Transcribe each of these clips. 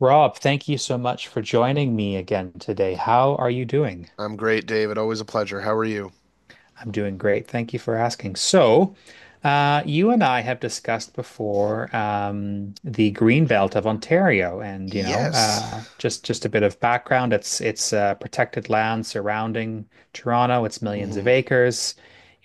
Rob, thank you so much for joining me again today. How are you doing? I'm great, David. Always a pleasure. How are you? I'm doing great. Thank you for asking. So, you and I have discussed before the Green Belt of Ontario, and you know, Yes. just a bit of background. It's protected land surrounding Toronto. It's millions of Hmm. acres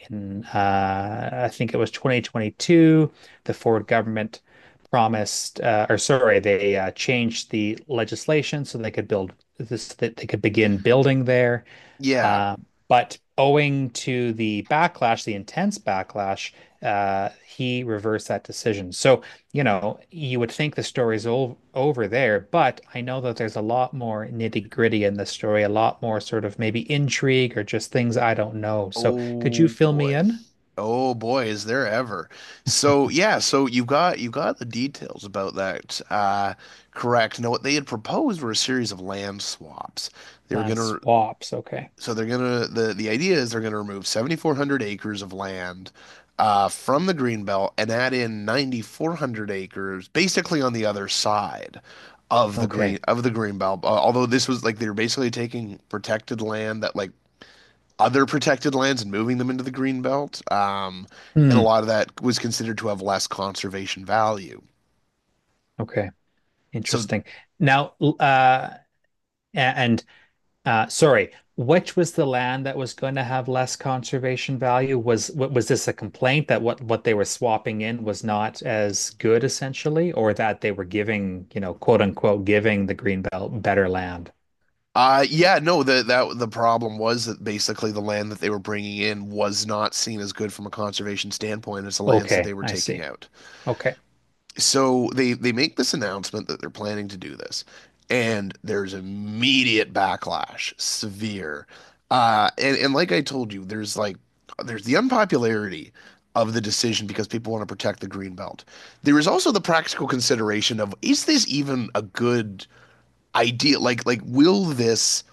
in I think it was 2022, the Ford government promised, or sorry, they changed the legislation so they could build this, that they could begin building there. Yeah. Uh, but owing to the backlash, the intense backlash, he reversed that decision. So, you know, you would think the story's all over there, but I know that there's a lot more nitty-gritty in the story, a lot more sort of maybe intrigue or just things I don't know. So, could you Oh fill me boy. in? Oh boy, is there ever. So you got the details about that, correct. Now what they had proposed were a series of land swaps. They were Land gonna swaps. Okay. so they're gonna the idea is they're gonna remove 7,400 acres of land, from the green belt, and add in 9,400 acres, basically on the other side of the Okay. Green belt. Although, this was like they were basically taking protected land that, like, other protected lands and moving them into the green belt, and a Hmm. lot of that was considered to have less conservation value. Okay. So Interesting. Now, uh, and sorry, which was the land that was going to have less conservation value? Was this a complaint that what they were swapping in was not as good, essentially, or that they were giving, you know, quote unquote, giving the greenbelt better land? Yeah, no, the problem was that basically the land that they were bringing in was not seen as good from a conservation standpoint as the lands that Okay, they were I taking see. out. Okay. So they make this announcement that they're planning to do this, and there's immediate backlash, severe. And like I told you, there's like there's the unpopularity of the decision because people want to protect the green belt. There is also the practical consideration of, is this even a good idea? Like, will this,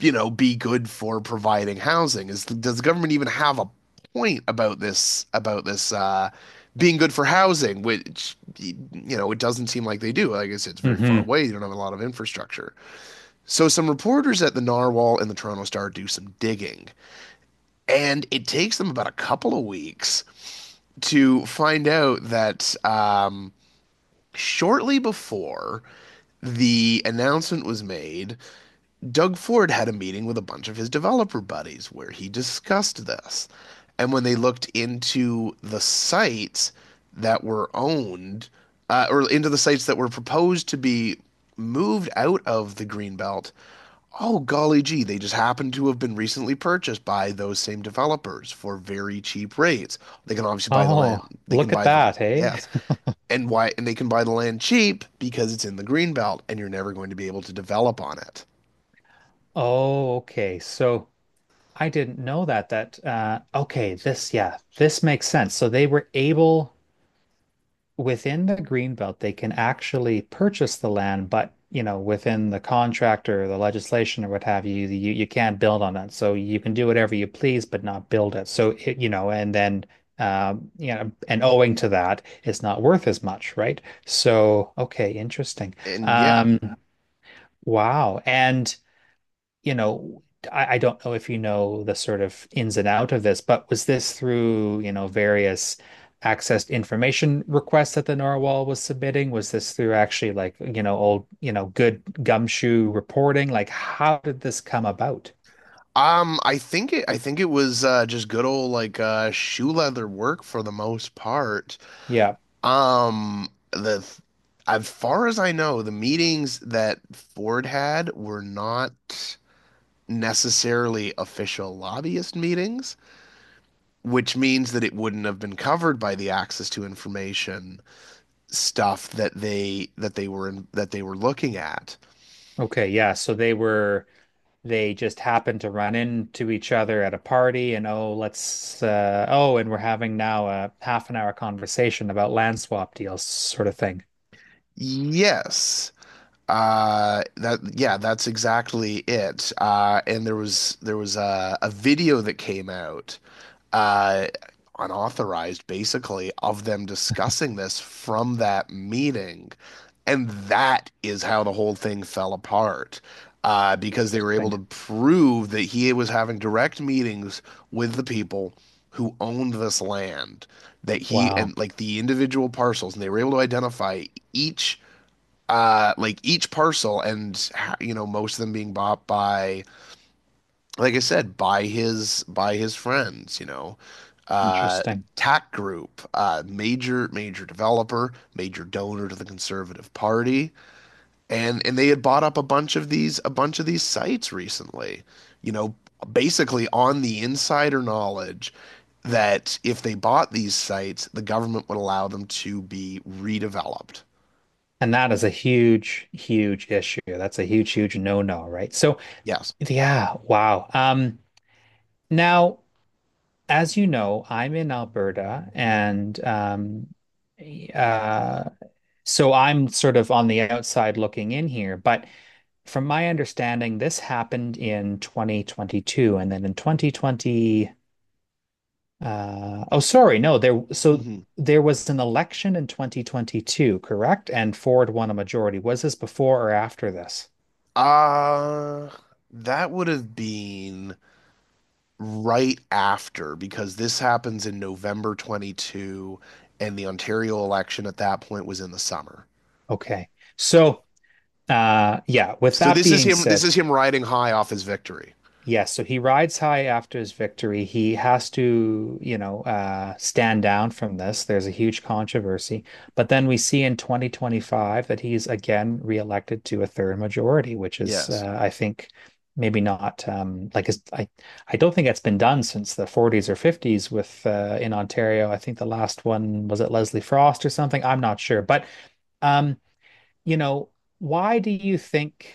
you know, be good for providing housing? Is Does the government even have a point about this being good for housing? Which, you know, it doesn't seem like they do. Like I said, it's very far Hmm. away. You don't have a lot of infrastructure. So some reporters at the Narwhal and the Toronto Star do some digging, and it takes them about a couple of weeks to find out that shortly before the announcement was made, Doug Ford had a meeting with a bunch of his developer buddies where he discussed this. And when they looked into the sites that were owned, or into the sites that were proposed to be moved out of the Greenbelt, oh, golly gee, they just happened to have been recently purchased by those same developers for very cheap rates. They can obviously buy the Oh, land, they can look at buy the— that, hey? yes. And why, and they can buy the land cheap because it's in the Greenbelt and you're never going to be able to develop on it. Oh, okay. So, I didn't know that okay, this yeah, this makes sense. So they were able within the greenbelt, they can actually purchase the land, but you know, within the contract or the legislation or what have you, you can't build on it. So you can do whatever you please, but not build it. So it, you know, and then you know, and owing to that, it's not worth as much, right? So okay, interesting. And yeah. Um, wow. And you know, I don't know if you know the sort of ins and out of this, but was this through, you know, various access information requests that the Narwhal was submitting? Was this through actually like, you know, old, you know, good gumshoe reporting? Like, how did this come about? I think it was just good old like shoe leather work for the most part. Yeah. The As far as I know, the meetings that Ford had were not necessarily official lobbyist meetings, which means that it wouldn't have been covered by the access to information stuff that they were looking at. Okay. Yeah. So they were, they just happened to run into each other at a party and, oh, let's, oh, and we're having now a half an hour conversation about land swap deals, sort of thing. Yes. That, yeah, that's exactly it. And there was a video that came out, uh, unauthorized basically, of them discussing this from that meeting, and that is how the whole thing fell apart. Because they were able Interesting. to prove that he was having direct meetings with the people who owned this land, that he— Wow. and like the individual parcels, and they were able to identify each, like each parcel, and, you know, most of them being bought by, like I said, by his friends, you know, uh Interesting. TAC Group, major, major developer, major donor to the Conservative Party. And they had bought up a bunch of these sites recently, you know, basically on the insider knowledge that if they bought these sites, the government would allow them to be redeveloped. And that is a huge, huge issue. That's a huge, huge no-no, right? So, Yes. yeah, wow. Now, as you know, I'm in Alberta and eh, uh, so I'm sort of on the outside looking in here. But from my understanding, this happened in 2022 and then in 2020. Uh, oh, sorry, no, there. So Hmm. there was an election in 2022, correct? And Ford won a majority. Was this before or after this? Uh, that would have been right after, because this happens in November 22 and the Ontario election at that point was in the summer. Okay. So, yeah, with So that this is being him, said, riding high off his victory. yes, so he rides high after his victory. He has to, you know, stand down from this. There's a huge controversy. But then we see in 2025 that he's again reelected to a third majority, which is, Yes. I think, maybe not like his, I don't think it's been done since the 40s or 50s with in Ontario. I think the last one was at Leslie Frost or something. I'm not sure. But, um, you know, why do you think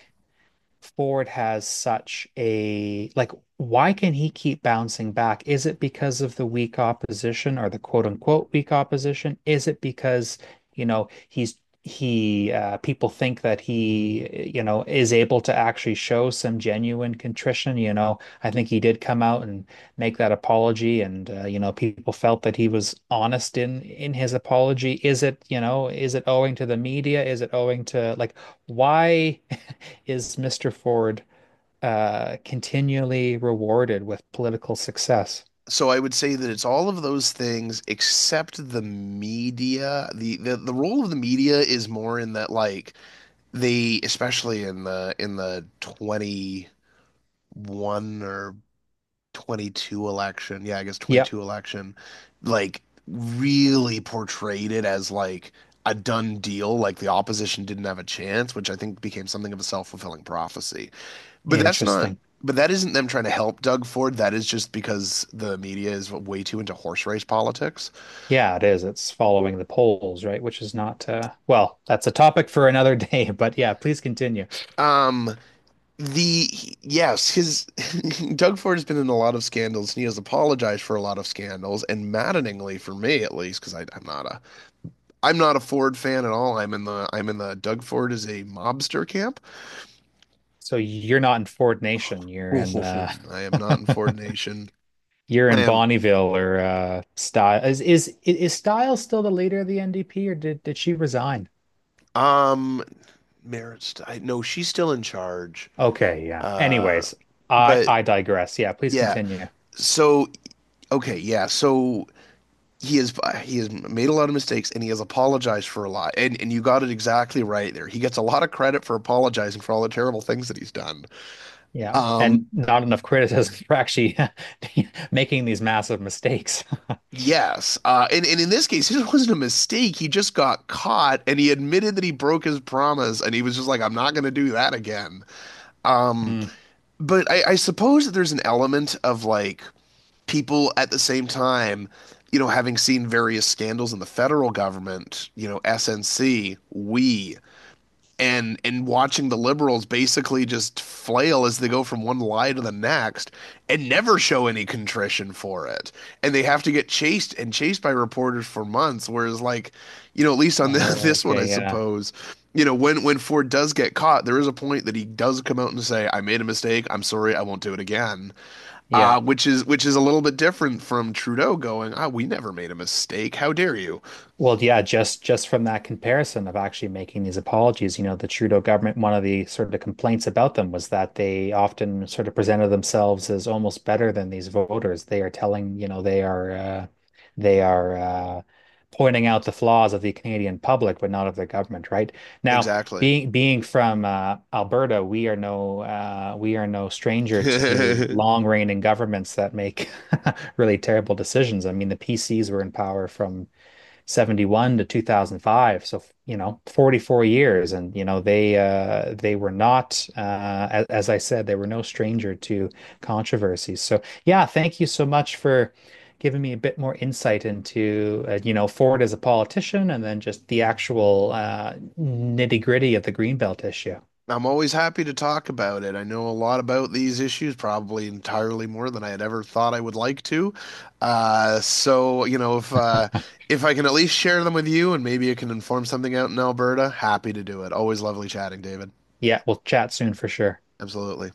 Ford has such a like why can he keep bouncing back? Is it because of the weak opposition or the quote unquote weak opposition? Is it because, you know, he's he people think that he, you know, is able to actually show some genuine contrition, you know. I think he did come out and make that apology and you know, people felt that he was honest in his apology. Is it, you know, is it owing to the media? Is it owing to like why is Mr. Ford continually rewarded with political success? So I would say that it's all of those things except the media. The role of the media is more in that, like, they, especially in the 21 or 22 election— yeah, I guess Yeah, 22 election— like, really portrayed it as like a done deal, like the opposition didn't have a chance, which I think became something of a self-fulfilling prophecy. But that's not interesting. but that isn't them trying to help Doug Ford. That is just because the media is way too into horse race politics. Yeah, it is. It's following the polls, right? Which is not, well, that's a topic for another day, but yeah, please continue. Um, the Yes, his Doug Ford has been in a lot of scandals and he has apologized for a lot of scandals. And maddeningly for me, at least, because I'm not a Ford fan at all. I'm in the, I'm in the, Doug Ford is a mobster camp. So you're not in Ford Nation, you're in I am not in Ford Nation. You're I in am Bonneville or Style. Is Style still the leader of the NDP or did she resign? um Maris. I— no, she's still in charge. Okay, yeah. Uh, Anyways, I but I digress. Yeah, please yeah. continue. So okay, yeah. So he has he has made a lot of mistakes and he has apologized for a lot. And you got it exactly right there. He gets a lot of credit for apologizing for all the terrible things that he's done. Yeah. Um, And not enough criticism for actually making these massive mistakes. Yes. And in this case, it wasn't a mistake. He just got caught and he admitted that he broke his promise and he was just like, I'm not going to do that again. Um, Hmm. but I suppose that there's an element of like people at the same time, you know, having seen various scandals in the federal government, you know, SNC, we, and watching the liberals basically just flail as they go from one lie to the next and never show any contrition for it and they have to get chased and chased by reporters for months, whereas like, you know, at least on this one, I Okay, yeah. suppose, you know, when Ford does get caught, there is a point that he does come out and say, I made a mistake, I'm sorry, I won't do it again. Yeah. Which is a little bit different from Trudeau going, ah, we never made a mistake, how dare you. Well, yeah, just from that comparison of actually making these apologies, you know, the Trudeau government, one of the sort of complaints about them was that they often sort of presented themselves as almost better than these voters. They are telling, you know, they are pointing out the flaws of the Canadian public, but not of the government, right? Now, Exactly. being from Alberta, we are no stranger to long reigning governments that make really terrible decisions. I mean, the PCs were in power from 71 to 2005, so you know, 44 years, and you know they they were not as I said, they were no stranger to controversies. So yeah, thank you so much for giving me a bit more insight into you know, Ford as a politician and then just the actual nitty-gritty of the Greenbelt issue. I'm always happy to talk about it. I know a lot about these issues, probably entirely more than I had ever thought I would like to. So, you know, if I can at least share them with you and maybe it can inform something out in Alberta, happy to do it. Always lovely chatting, David. Yeah, we'll chat soon for sure. Absolutely.